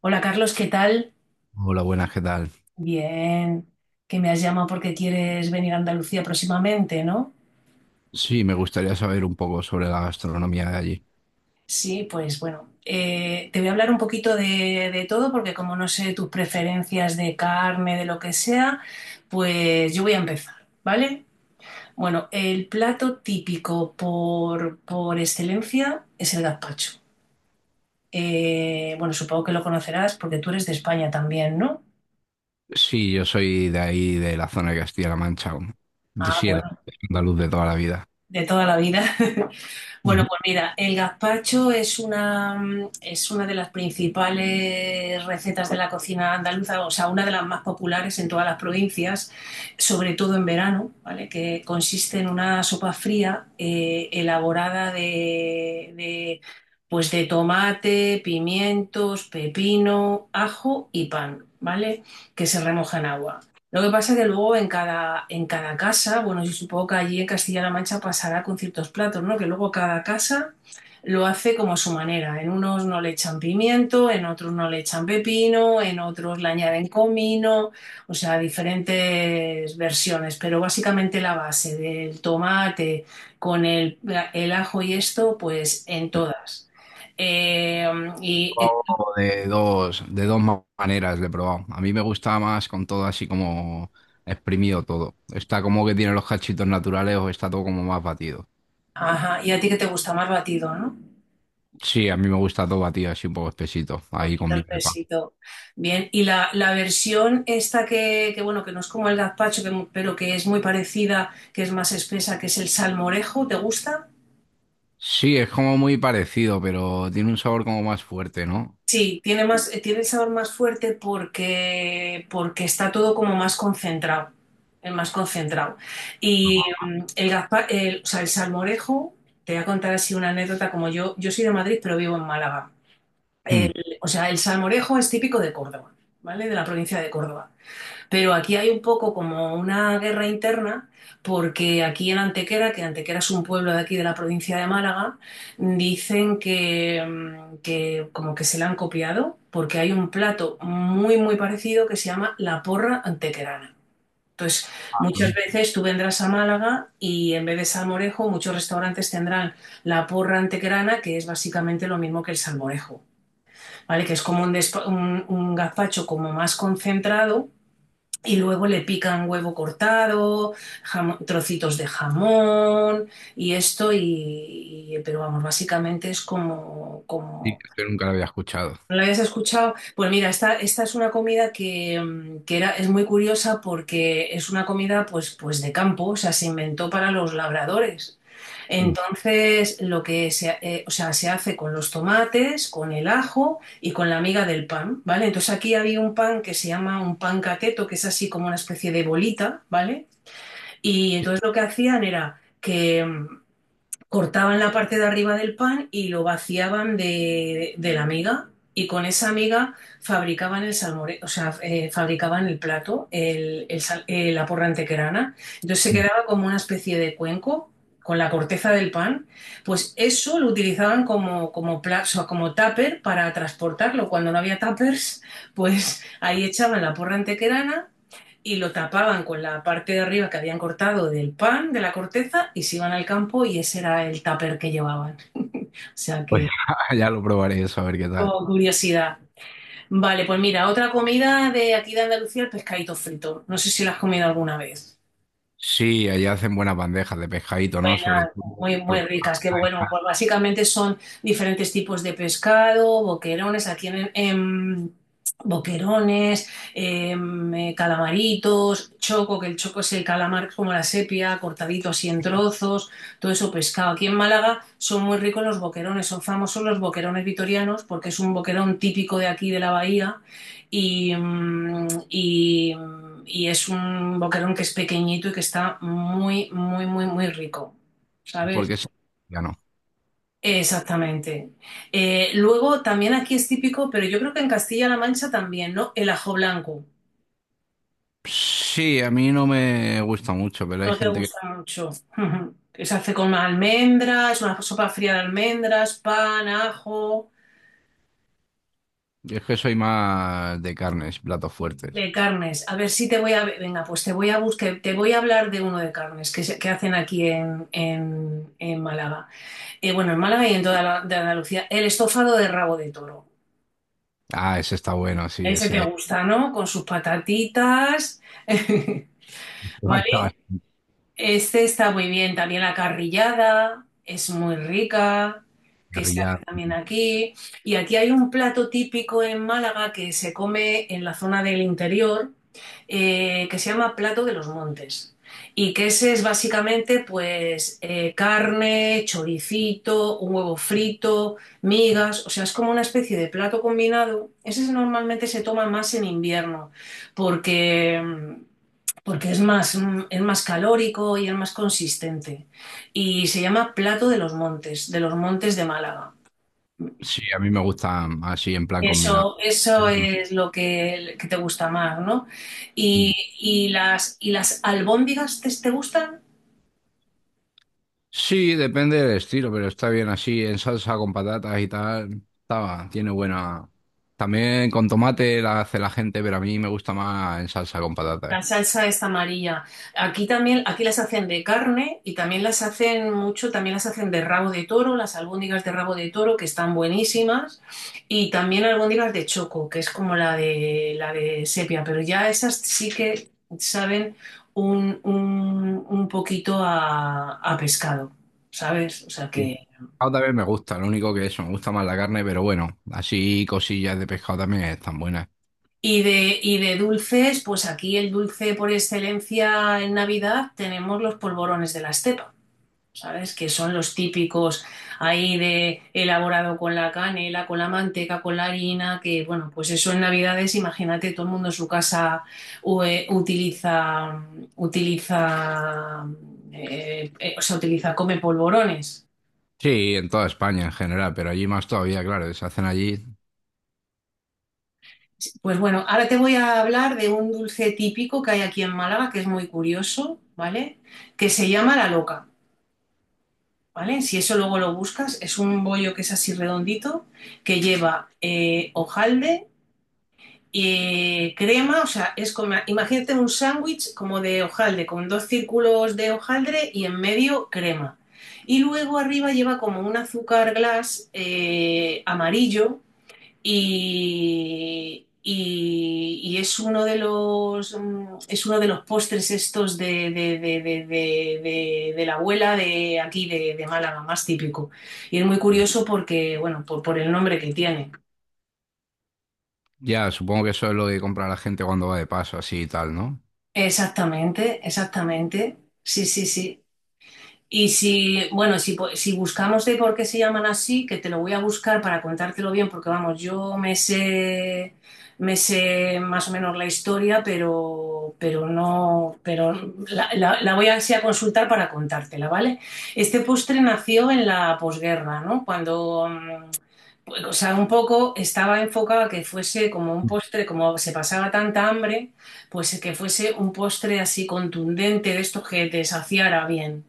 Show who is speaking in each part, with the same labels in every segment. Speaker 1: Hola Carlos, ¿qué tal?
Speaker 2: Hola, buenas, ¿qué tal?
Speaker 1: Bien, que me has llamado porque quieres venir a Andalucía próximamente, ¿no?
Speaker 2: Sí, me gustaría saber un poco sobre la gastronomía de allí.
Speaker 1: Sí, pues bueno, te voy a hablar un poquito de todo porque como no sé tus preferencias de carne, de lo que sea, pues yo voy a empezar, ¿vale? Bueno, el plato típico por excelencia es el gazpacho. Bueno, supongo que lo conocerás porque tú eres de España también, ¿no?
Speaker 2: Sí, yo soy de ahí, de la zona de Castilla-La Mancha, de
Speaker 1: Ah,
Speaker 2: Sierra,
Speaker 1: bueno,
Speaker 2: andaluz de toda la vida.
Speaker 1: de toda la vida. Bueno,
Speaker 2: Ujú. He
Speaker 1: pues mira, el gazpacho es una de las principales recetas de la cocina andaluza, o sea, una de las más populares en todas las provincias, sobre todo en verano, ¿vale? Que consiste en una sopa fría elaborada pues de tomate, pimientos, pepino, ajo y pan, ¿vale? Que se remoja en agua. Lo que pasa que luego en cada casa, bueno, yo supongo que allí en Castilla-La Mancha pasará con ciertos platos, ¿no? Que luego cada casa lo hace como a su manera. En unos no le echan pimiento, en otros no le echan pepino, en otros le añaden comino, o sea, diferentes versiones. Pero básicamente la base del tomate con el, el ajo y esto, pues en todas. Eh, y, eh,
Speaker 2: probado De dos maneras le he probado. A mí me gusta más con todo así como exprimido todo. Está como que tiene los cachitos naturales o está todo como más batido.
Speaker 1: ajá, y a ti que te gusta más batido, ¿no?
Speaker 2: Sí, a mí me gusta todo batido así un poco espesito,
Speaker 1: Un
Speaker 2: ahí con
Speaker 1: poquito el
Speaker 2: vino de pan.
Speaker 1: pesito. Bien, y la versión esta bueno, que no es como el gazpacho, que pero que es muy parecida, que es más espesa, que es el salmorejo, ¿te gusta?
Speaker 2: Sí, es como muy parecido, pero tiene un sabor como más fuerte, ¿no?
Speaker 1: Sí, tiene más, tiene el sabor más fuerte porque está todo como más concentrado, es más concentrado.
Speaker 2: Ujú.
Speaker 1: Y o sea, el salmorejo, te voy a contar así una anécdota, como yo soy de Madrid, pero vivo en Málaga. O sea, el salmorejo es típico de Córdoba, ¿vale? De la provincia de Córdoba. Pero aquí hay un poco como una guerra interna, porque aquí en Antequera, que Antequera es un pueblo de aquí de la provincia de Málaga, dicen que como que se la han copiado, porque hay un plato muy, muy parecido que se llama la porra antequerana. Entonces, muchas
Speaker 2: Hmm.
Speaker 1: veces tú vendrás a Málaga y en vez de salmorejo, muchos restaurantes tendrán la porra antequerana, que es básicamente lo mismo que el salmorejo, ¿vale? Que es como un, despa- un gazpacho como más concentrado y luego le pican huevo cortado, trocitos de jamón y esto, pero vamos, básicamente es como,
Speaker 2: Sí,
Speaker 1: como...
Speaker 2: yo nunca lo había escuchado.
Speaker 1: ¿No la habías escuchado? Pues mira, esta es una comida que, mm, que era, es muy curiosa porque es una comida pues de campo, o sea, se inventó para los labradores.
Speaker 2: Mm.
Speaker 1: Entonces, lo que o sea, se hace con los tomates, con el ajo y con la miga del pan, ¿vale? Entonces aquí había un pan que se llama un pan cateto, que es así como una especie de bolita, ¿vale? Y entonces lo que hacían era que cortaban la parte de arriba del pan y lo vaciaban de la miga y con esa miga fabricaban el salmore, o sea, fabricaban el plato, la porra antequerana. Entonces se
Speaker 2: Mm.
Speaker 1: quedaba como una especie de cuenco con la corteza del pan. Pues eso lo utilizaban o sea, como tupper para transportarlo. Cuando no había tuppers, pues ahí echaban la porra antequerana y lo tapaban con la parte de arriba que habían cortado del pan, de la corteza, y se iban al campo y ese era el tupper que llevaban. O sea
Speaker 2: Pues
Speaker 1: que,
Speaker 2: ya lo probaré eso, a ver qué tal.
Speaker 1: oh, curiosidad. Vale, pues mira, otra comida de aquí de Andalucía, el pescadito frito. No sé si lo has comido alguna vez.
Speaker 2: Sí, allá hacen buenas bandejas de pescadito, ¿no? Sobre
Speaker 1: Buenas,
Speaker 2: todo.
Speaker 1: muy, muy
Speaker 2: pero-
Speaker 1: ricas, que bueno. Pues básicamente son diferentes tipos de pescado, boquerones, aquí en boquerones, em, calamaritos, choco, que el choco es el calamar como la sepia, cortadito así en trozos, todo eso pescado. Aquí en Málaga son muy ricos los boquerones, son famosos los boquerones vitorianos porque es un boquerón típico de aquí de la bahía y es un boquerón que es pequeñito y que está muy, muy, muy, muy rico, ¿sabes?
Speaker 2: Porque es- ya no.
Speaker 1: Exactamente. Luego también aquí es típico, pero yo creo que en Castilla-La Mancha también, ¿no? El ajo blanco.
Speaker 2: Sí, a mí no me gusta mucho, pero hay
Speaker 1: No te
Speaker 2: gente que...
Speaker 1: gusta mucho. Ujú. Que se hace con almendras, es una sopa fría de almendras, pan, ajo,
Speaker 2: Es que soy más de carnes, platos fuertes.
Speaker 1: de carnes. A ver si te voy a... Venga, pues te voy a buscar, te voy a hablar de uno de carnes que hacen aquí en Málaga. Bueno, en Málaga y en toda la, de Andalucía, el estofado de rabo de toro.
Speaker 2: Ah, ese está bueno, sí,
Speaker 1: Ese te
Speaker 2: ese.
Speaker 1: gusta, ¿no? Con sus patatitas.
Speaker 2: Marca bastante.
Speaker 1: Este está muy bien, también la carrillada es muy rica, que se hace
Speaker 2: Carrillada.
Speaker 1: también aquí. Y aquí hay un plato típico en Málaga que se come en la zona del interior, que se llama plato de los montes. Y que ese es básicamente carne, choricito, un huevo frito, migas, o sea, es como una especie de plato combinado. Ese normalmente se toma más en invierno, porque mm, porque es es más calórico y es más consistente. Y se llama plato de los montes, de los montes de Málaga.
Speaker 2: Sí, a mí me gustan así en plan combinado.
Speaker 1: Eso es lo que te gusta más, ¿no? Y, y las albóndigas te, ¿te gustan?
Speaker 2: Sí, depende del estilo, pero está bien así, en salsa con patatas y tal. Estaba, tiene buena. También con tomate la hace la gente, pero a mí me gusta más en salsa con patatas.
Speaker 1: La salsa es amarilla. Aquí también, aquí las hacen de carne y también las hacen mucho, también las hacen de rabo de toro, las albóndigas de rabo de toro que están buenísimas y también albóndigas de choco, que es como la de sepia, pero ya esas sí que saben un poquito a pescado, ¿sabes? O sea
Speaker 2: Sí.
Speaker 1: que
Speaker 2: Pescado también me gusta, lo único que eso, me gusta más la carne, pero bueno, así cosillas de pescado también están buenas.
Speaker 1: y de dulces, pues aquí el dulce por excelencia en Navidad tenemos los polvorones de la estepa. ¿Sabes? Que son los típicos ahí de elaborado con la canela, con la manteca, con la harina, que bueno, pues eso en Navidades, imagínate, todo el mundo en su casa u- eh, utiliza, utiliza, utiliza, come polvorones.
Speaker 2: Sí, en toda España en general, pero allí más todavía, claro, se hacen allí.
Speaker 1: Pues bueno, ahora te voy a hablar de un dulce típico que hay aquí en Málaga, que es muy curioso, ¿vale? Que se llama la loca, ¿vale? Si eso luego lo buscas, es un bollo que es así redondito, que lleva hojalde, crema, o sea, es como, imagínate un sándwich como de hojaldre, con dos círculos de hojaldre y en medio crema. Y luego arriba lleva como un azúcar glass amarillo y es uno de es uno de los postres estos de la abuela de aquí de Málaga, más típico. Y es muy curioso porque, bueno, por el nombre que tiene.
Speaker 2: Ya, supongo que eso es lo que compra la gente cuando va de paso, así y tal, ¿no?
Speaker 1: Exactamente, exactamente. Sí, sí, sí. Y si, bueno, si buscamos de por qué se llaman así, que te lo voy a buscar para contártelo bien, porque vamos, me sé más o menos la historia, pero no, pero la voy a, sí a consultar para contártela, ¿vale? Este postre nació en la posguerra, ¿no? Bueno, o sea, un poco estaba enfocado a que fuese como un postre, como se pasaba tanta hambre, pues que fuese un postre así contundente de estos que te saciara bien,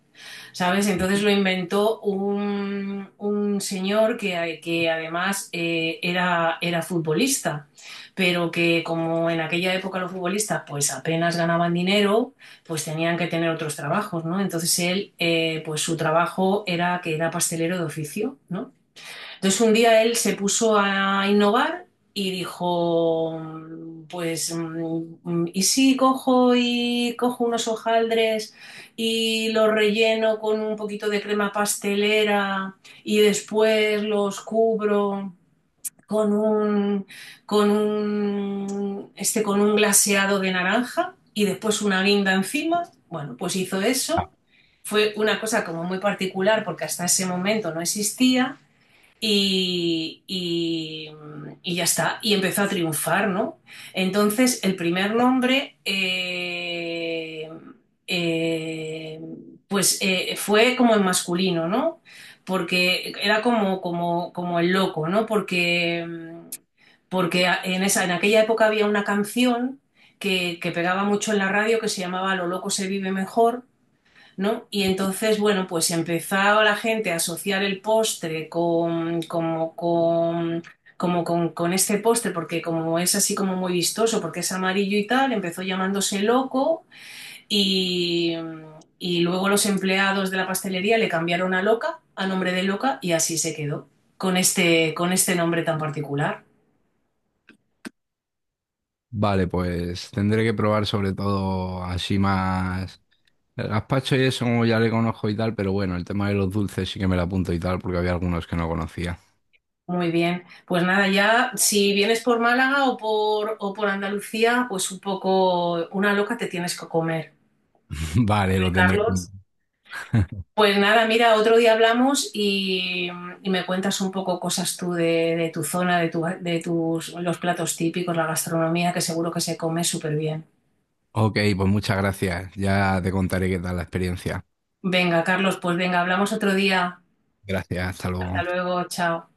Speaker 1: ¿sabes? Entonces lo inventó un señor que además era futbolista, pero que como en aquella época los futbolistas pues apenas ganaban dinero, pues tenían que tener otros trabajos, ¿no? Entonces él, pues su trabajo era que era pastelero de oficio, ¿no? Entonces un día él se puso a innovar y dijo, ¿y si cojo y cojo unos hojaldres y los relleno con un poquito de crema pastelera y después los cubro con un, con un glaseado de naranja y después una guinda encima? Bueno, pues hizo eso. Fue una cosa como muy particular porque hasta ese momento no existía y, y, y ya está, y empezó a triunfar, ¿no? Entonces, el primer nombre, eh, fue como en masculino, ¿no? Porque era como el loco, ¿no? Porque en, esa, en aquella época había una canción que pegaba mucho en la radio que se llamaba Lo loco se vive mejor, ¿no? Y entonces, bueno, pues empezaba la gente a asociar el postre con este postre, porque como es así como muy vistoso, porque es amarillo y tal, empezó llamándose loco y, y luego los empleados de la pastelería le cambiaron a loca, a nombre de loca, y así se quedó, con este nombre tan particular.
Speaker 2: Vale, pues tendré que probar sobre todo así más. El gazpacho y eso como ya le conozco y tal, pero bueno, el tema de los dulces sí que me lo apunto y tal, porque había algunos que no conocía.
Speaker 1: Muy bien, pues nada, ya si vienes por Málaga o por Andalucía, pues un poco una loca te tienes que comer.
Speaker 2: Vale, lo tendré en
Speaker 1: Carlos.
Speaker 2: cuenta.
Speaker 1: Pues nada, mira, otro día hablamos y me cuentas un poco cosas tú de tu zona, de, tu, de tus, los platos típicos, la gastronomía, que seguro que se come súper bien.
Speaker 2: Ok, pues muchas gracias. Ya te contaré qué tal la experiencia.
Speaker 1: Venga, Carlos, pues venga, hablamos otro día.
Speaker 2: Gracias, hasta
Speaker 1: Hasta
Speaker 2: luego.
Speaker 1: luego, chao.